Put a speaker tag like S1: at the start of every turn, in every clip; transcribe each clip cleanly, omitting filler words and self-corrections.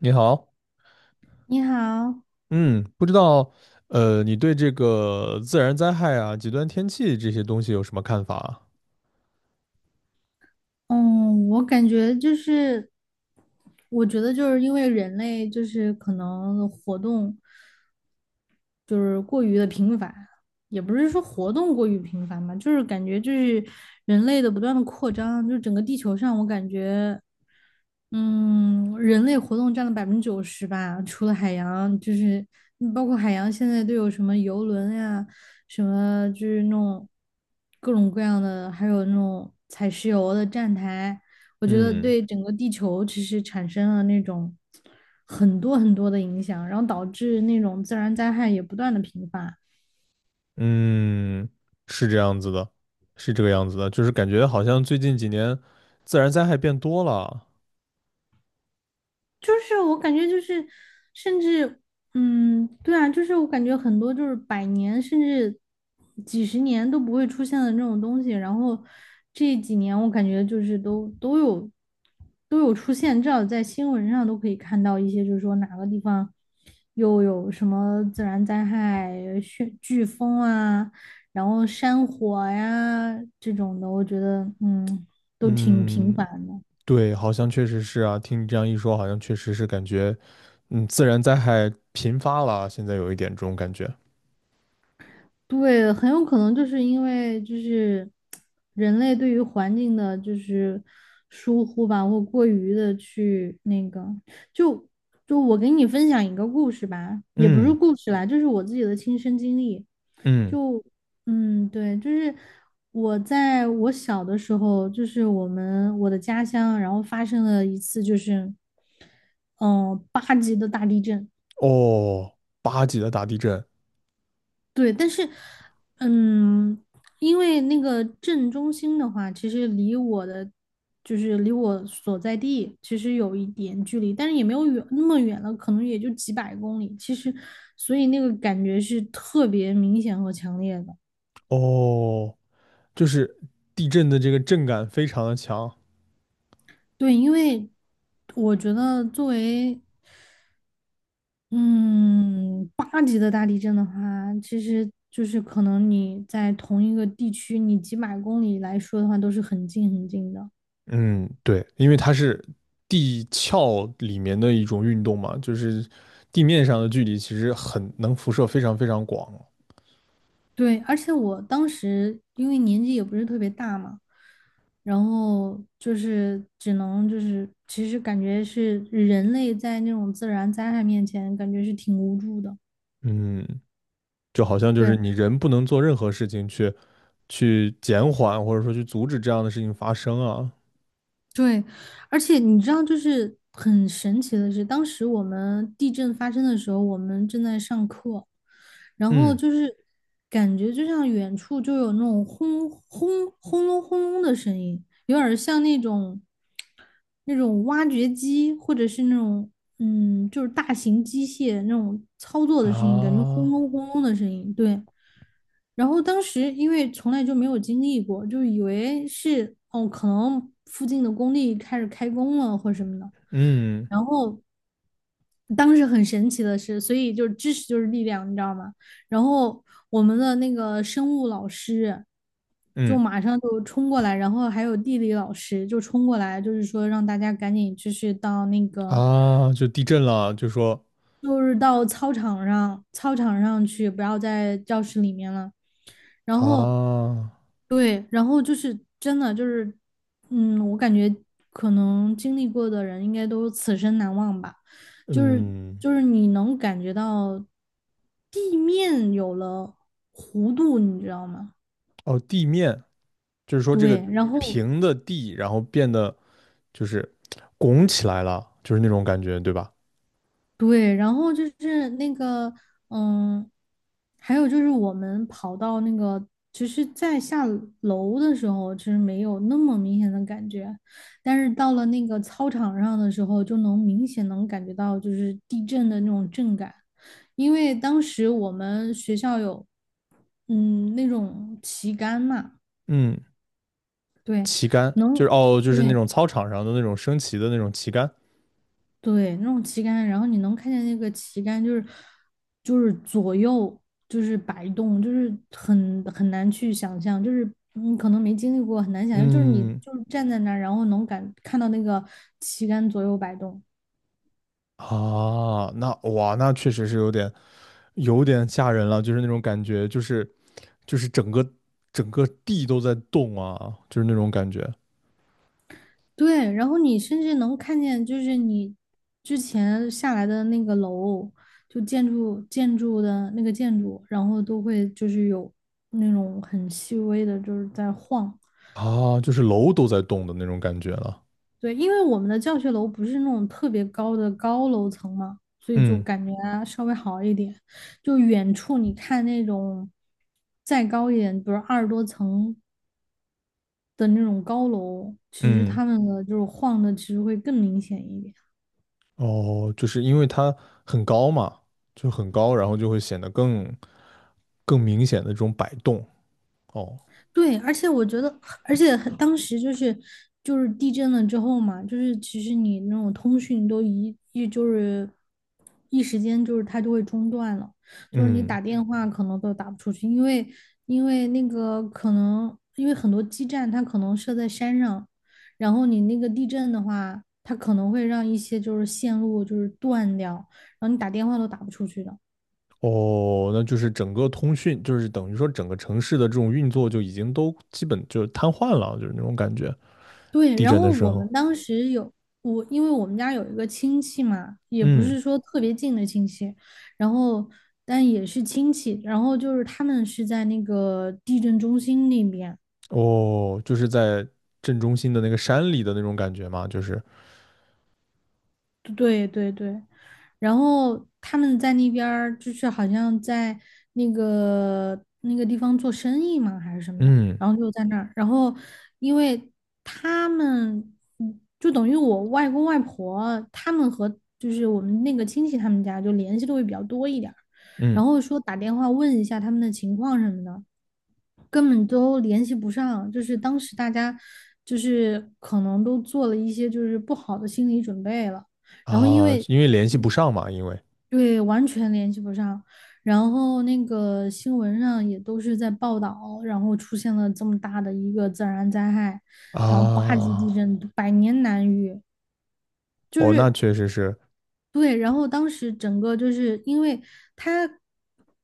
S1: 你好，
S2: 你好，
S1: 嗯，不知道，你对这个自然灾害啊、极端天气这些东西有什么看法啊？
S2: 嗯，我感觉就是，我觉得就是因为人类就是可能活动就是过于的频繁，也不是说活动过于频繁吧，就是感觉就是人类的不断的扩张，就整个地球上我感觉人类活动占了90%吧，除了海洋，就是包括海洋现在都有什么游轮呀，什么就是那种各种各样的，还有那种采石油的站台，我觉得
S1: 嗯
S2: 对整个地球其实产生了那种很多很多的影响，然后导致那种自然灾害也不断的频发。
S1: 嗯，是这样子的，是这个样子的，就是感觉好像最近几年自然灾害变多了。
S2: 就是我感觉就是，甚至，嗯，对啊，就是我感觉很多就是百年甚至几十年都不会出现的那种东西，然后这几年我感觉就是都有出现，至少在新闻上都可以看到一些，就是说哪个地方又有什么自然灾害、旋飓风啊，然后山火呀这种的，我觉得都挺频
S1: 嗯，
S2: 繁的。
S1: 对，好像确实是啊，听你这样一说，好像确实是感觉，自然灾害频发了，现在有一点这种感觉。
S2: 对，很有可能就是因为就是人类对于环境的，就是疏忽吧，或过于的去那个，就我给你分享一个故事吧，也不是
S1: 嗯
S2: 故事啦，就是我自己的亲身经历。
S1: 嗯，
S2: 就对，就是我在我小的时候，就是我的家乡，然后发生了一次就是八级的大地震。
S1: 哦，八级的大地震，
S2: 对，但是，嗯，因为那个镇中心的话，其实离我的就是离我所在地其实有一点距离，但是也没有远那么远了，可能也就几百公里。其实，所以那个感觉是特别明显和强烈的。
S1: 哦。就是地震的这个震感非常的强。
S2: 对，因为我觉得作为嗯八级的大地震的话，其实就是可能你在同一个地区，你几百公里来说的话，都是很近很近的。
S1: 嗯，对，因为它是地壳里面的一种运动嘛，就是地面上的距离其实很能辐射非常非常广。
S2: 对，而且我当时因为年纪也不是特别大嘛，然后就是只能就是，其实感觉是人类在那种自然灾害面前，感觉是挺无助的。
S1: 嗯，就好像就是
S2: 对。
S1: 你人不能做任何事情去减缓或者说去阻止这样的事情发生啊
S2: 对，而且你知道，就是很神奇的是，当时我们地震发生的时候，我们正在上课，然后
S1: 嗯
S2: 就是感觉就像远处就有那种轰轰轰隆轰隆的声音，有点儿像那种挖掘机或者是那种就是大型机械那种操作的声音，感觉轰
S1: 啊
S2: 隆轰隆的声音。对，然后当时因为从来就没有经历过，就以为是哦，可能附近的工地开始开工了或什么的。
S1: 嗯
S2: 然后当时很神奇的是，所以就是知识就是力量，你知道吗？然后我们的那个生物老师就
S1: 嗯，
S2: 马上就冲过来，然后还有地理老师就冲过来，就是说让大家赶紧就是到那个
S1: 啊！就地震了，就说
S2: 就是到操场上，操场上去，不要在教室里面了。然后，
S1: 啊
S2: 对，然后就是真的就是，我感觉可能经历过的人应该都此生难忘吧。就是
S1: 嗯
S2: 你能感觉到地面有了弧度，你知道吗？
S1: 哦地面就是说这个
S2: 对，然后
S1: 平的地，然后变得就是拱起来了，就是那种感觉，对吧？
S2: 对，然后就是那个，嗯，还有就是我们跑到那个，其实，在下楼的时候，其实没有那么明显的感觉，但是到了那个操场上的时候，就能明显能感觉到就是地震的那种震感，因为当时我们学校有，那种旗杆嘛，
S1: 嗯，
S2: 对，
S1: 旗杆就
S2: 能，
S1: 是哦，就是那
S2: 对，
S1: 种操场上的那种升旗的那种旗杆。
S2: 对，那种旗杆，然后你能看见那个旗杆，就是左右就是摆动，就是很难去想象，就是你可能没经历过，很难想象，就是你
S1: 嗯
S2: 就是站在那儿，然后能感看到那个旗杆左右摆动，
S1: 啊，那哇，那确实是有点吓人了，就是那种感觉，就是整个地都在动啊，就是那种感觉
S2: 对，然后你甚至能看见，就是你之前下来的那个楼，就建筑的那个建筑，然后都会就是有那种很细微的，就是在晃。
S1: 啊，就是楼都在动的那种感觉了。
S2: 对，因为我们的教学楼不是那种特别高的高楼层嘛，所以就
S1: 嗯
S2: 感觉啊稍微好一点。就远处你看那种再高一点，比如20多层的那种高楼，其实
S1: 嗯
S2: 他们的就是晃的其实会更明显一点。
S1: 哦，就是因为它很高嘛，就很高，然后就会显得更明显的这种摆动。哦，
S2: 对，而且我觉得，而且很当时就是地震了之后嘛，就是其实你那种通讯都就是一时间就是它就会中断了，就是你
S1: 嗯，
S2: 打电话可能都打不出去，因为那个可能因为很多基站它可能设在山上，然后你那个地震的话，它可能会让一些就是线路就是断掉，然后你打电话都打不出去的。
S1: 哦，那就是整个通讯，就是等于说整个城市的这种运作就已经都基本就是瘫痪了，就是那种感觉。
S2: 对，
S1: 地
S2: 然
S1: 震的
S2: 后
S1: 时
S2: 我
S1: 候，
S2: 们当时有我，因为我们家有一个亲戚嘛，也不
S1: 嗯，
S2: 是说特别近的亲戚，然后但也是亲戚，然后就是他们是在那个地震中心那边，
S1: 哦，就是在镇中心的那个山里的那种感觉嘛，就是，
S2: 对对对，然后他们在那边儿就是好像在那个地方做生意嘛，还是什么的，
S1: 嗯
S2: 然后就在那儿，然后因为他们就等于我外公外婆他们和就是我们那个亲戚他们家就联系的会比较多一点儿
S1: 嗯
S2: 然后说打电话问一下他们的情况什么的，根本都联系不上，就是当时大家就是可能都做了一些就是不好的心理准备了，然后因
S1: 啊，
S2: 为
S1: 因为联系不上嘛，因为
S2: 对完全联系不上，然后那个新闻上也都是在报道，然后出现了这么大的一个自然灾害，然后八级
S1: 啊，
S2: 地震，百年难遇，就
S1: 哦，
S2: 是。
S1: 那确实是，
S2: 对，然后当时整个就是因为它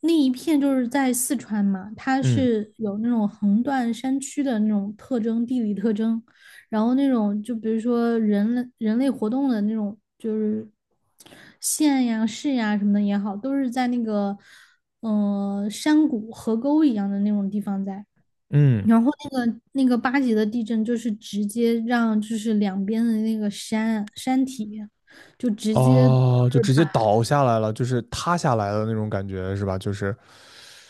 S2: 那一片就是在四川嘛，它
S1: 嗯
S2: 是有那种横断山区的那种特征，地理特征，然后那种就比如说人类活动的那种，就是县呀、市呀什么的也好，都是在那个山谷、河沟一样的那种地方在。
S1: 嗯。
S2: 然后那个八级的地震，就是直接让就是两边的那个山体，就直接就
S1: 哦，就
S2: 是
S1: 直接
S2: 把
S1: 倒下来了，就是塌下来的那种感觉是吧？就是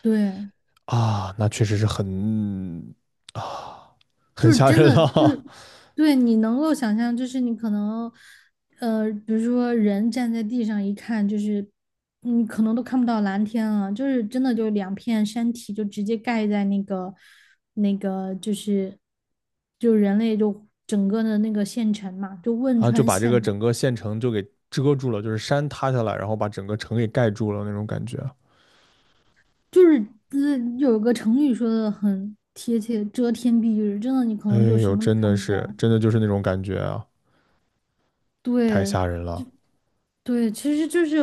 S2: 对，
S1: 啊，那确实是很啊，很
S2: 就是
S1: 吓
S2: 真
S1: 人
S2: 的就是
S1: 了
S2: 对你能够想象，就是你可能比如说人站在地上一看，就是你可能都看不到蓝天了，就是真的就两片山体就直接盖在那个就是就人类就整个的那个县城嘛，就 汶
S1: 啊，就
S2: 川
S1: 把这个
S2: 县。
S1: 整个县城就给遮住了，就是山塌下来，然后把整个城给盖住了那种感觉。
S2: 就是呃，有个成语说的很贴切，遮天蔽日，真的你可
S1: 哎
S2: 能就什
S1: 呦，
S2: 么都
S1: 真
S2: 看
S1: 的
S2: 不见
S1: 是，
S2: 了。
S1: 真的就是那种感觉啊，太
S2: 对，
S1: 吓人了，
S2: 对，其实就是，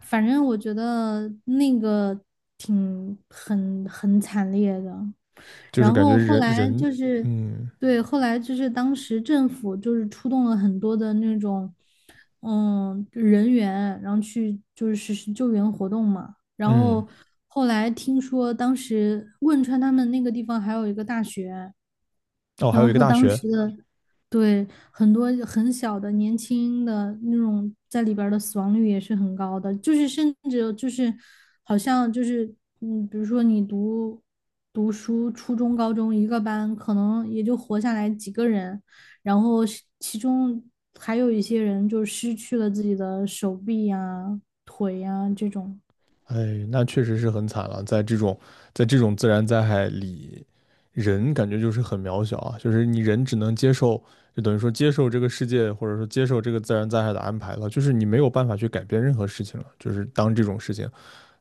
S2: 反正我觉得那个挺很惨烈的。
S1: 就是
S2: 然
S1: 感觉
S2: 后后
S1: 人
S2: 来
S1: 人，
S2: 就是，
S1: 嗯
S2: 对，后来就是当时政府就是出动了很多的那种，人员，然后去就是实施救援活动嘛。然
S1: 嗯，
S2: 后后来听说当时汶川他们那个地方还有一个大学，
S1: 哦，还
S2: 然
S1: 有
S2: 后
S1: 一个
S2: 说
S1: 大
S2: 当
S1: 学，
S2: 时的，对，很多很小的年轻的那种在里边儿的死亡率也是很高的，就是甚至就是好像就是比如说你读书，初中、高中一个班，可能也就活下来几个人，然后是其中还有一些人就失去了自己的手臂呀、腿呀这种。
S1: 哎，那确实是很惨了，在这种自然灾害里，人感觉就是很渺小啊，就是你人只能接受，就等于说接受这个世界，或者说接受这个自然灾害的安排了，就是你没有办法去改变任何事情了，就是当这种事情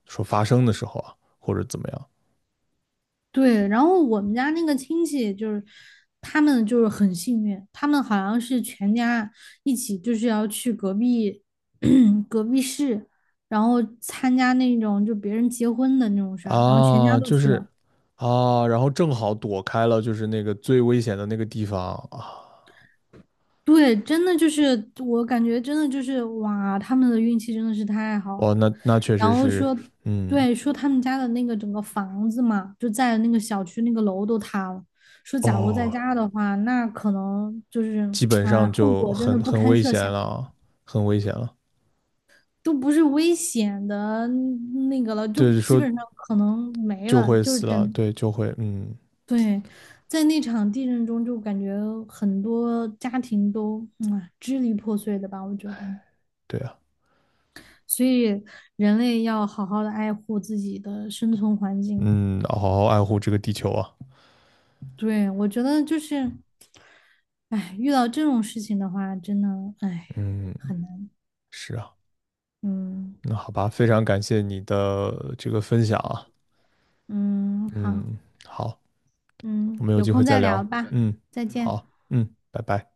S1: 说发生的时候啊，或者怎么样
S2: 对，然后我们家那个亲戚就是，他们就是很幸运，他们好像是全家一起就是要去隔壁 隔壁市，然后参加那种就别人结婚的那种事儿，然后全家
S1: 啊，
S2: 都
S1: 就
S2: 去了。
S1: 是啊，然后正好躲开了就是那个最危险的那个地方啊，
S2: 对，真的就是我感觉真的就是哇，他们的运气真的是太好
S1: 哦，
S2: 了。
S1: 那确
S2: 然
S1: 实
S2: 后
S1: 是，
S2: 说，
S1: 嗯，
S2: 对，说他们家的那个整个房子嘛，就在那个小区那个楼都塌了。说假如在
S1: 哦，
S2: 家的话，那可能就是
S1: 基本
S2: 啊、哎
S1: 上
S2: 后
S1: 就
S2: 果真的
S1: 很
S2: 不
S1: 很
S2: 堪
S1: 危
S2: 设
S1: 险
S2: 想，
S1: 了啊，很危险了。
S2: 都不是危险的那个了，就
S1: 对，
S2: 基
S1: 说
S2: 本上可能没
S1: 就
S2: 了，
S1: 会
S2: 就是
S1: 死了，
S2: 真
S1: 对，就会，嗯，
S2: 对。在那场地震中，就感觉很多家庭都啊、支离破碎的吧，我觉得。
S1: 对啊，
S2: 所以人类要好好的爱护自己的生存环境。
S1: 嗯，好好爱护这个地球啊，
S2: 对，我觉得就是，哎，遇到这种事情的话，真的，哎，
S1: 嗯，
S2: 很难。
S1: 是啊，
S2: 嗯
S1: 那好吧，非常感谢你的这个分享啊，
S2: 嗯，好，
S1: 嗯，好，
S2: 嗯，
S1: 我们有
S2: 有
S1: 机会
S2: 空
S1: 再
S2: 再聊
S1: 聊，
S2: 吧，
S1: 嗯，
S2: 再见。
S1: 好，嗯，拜拜。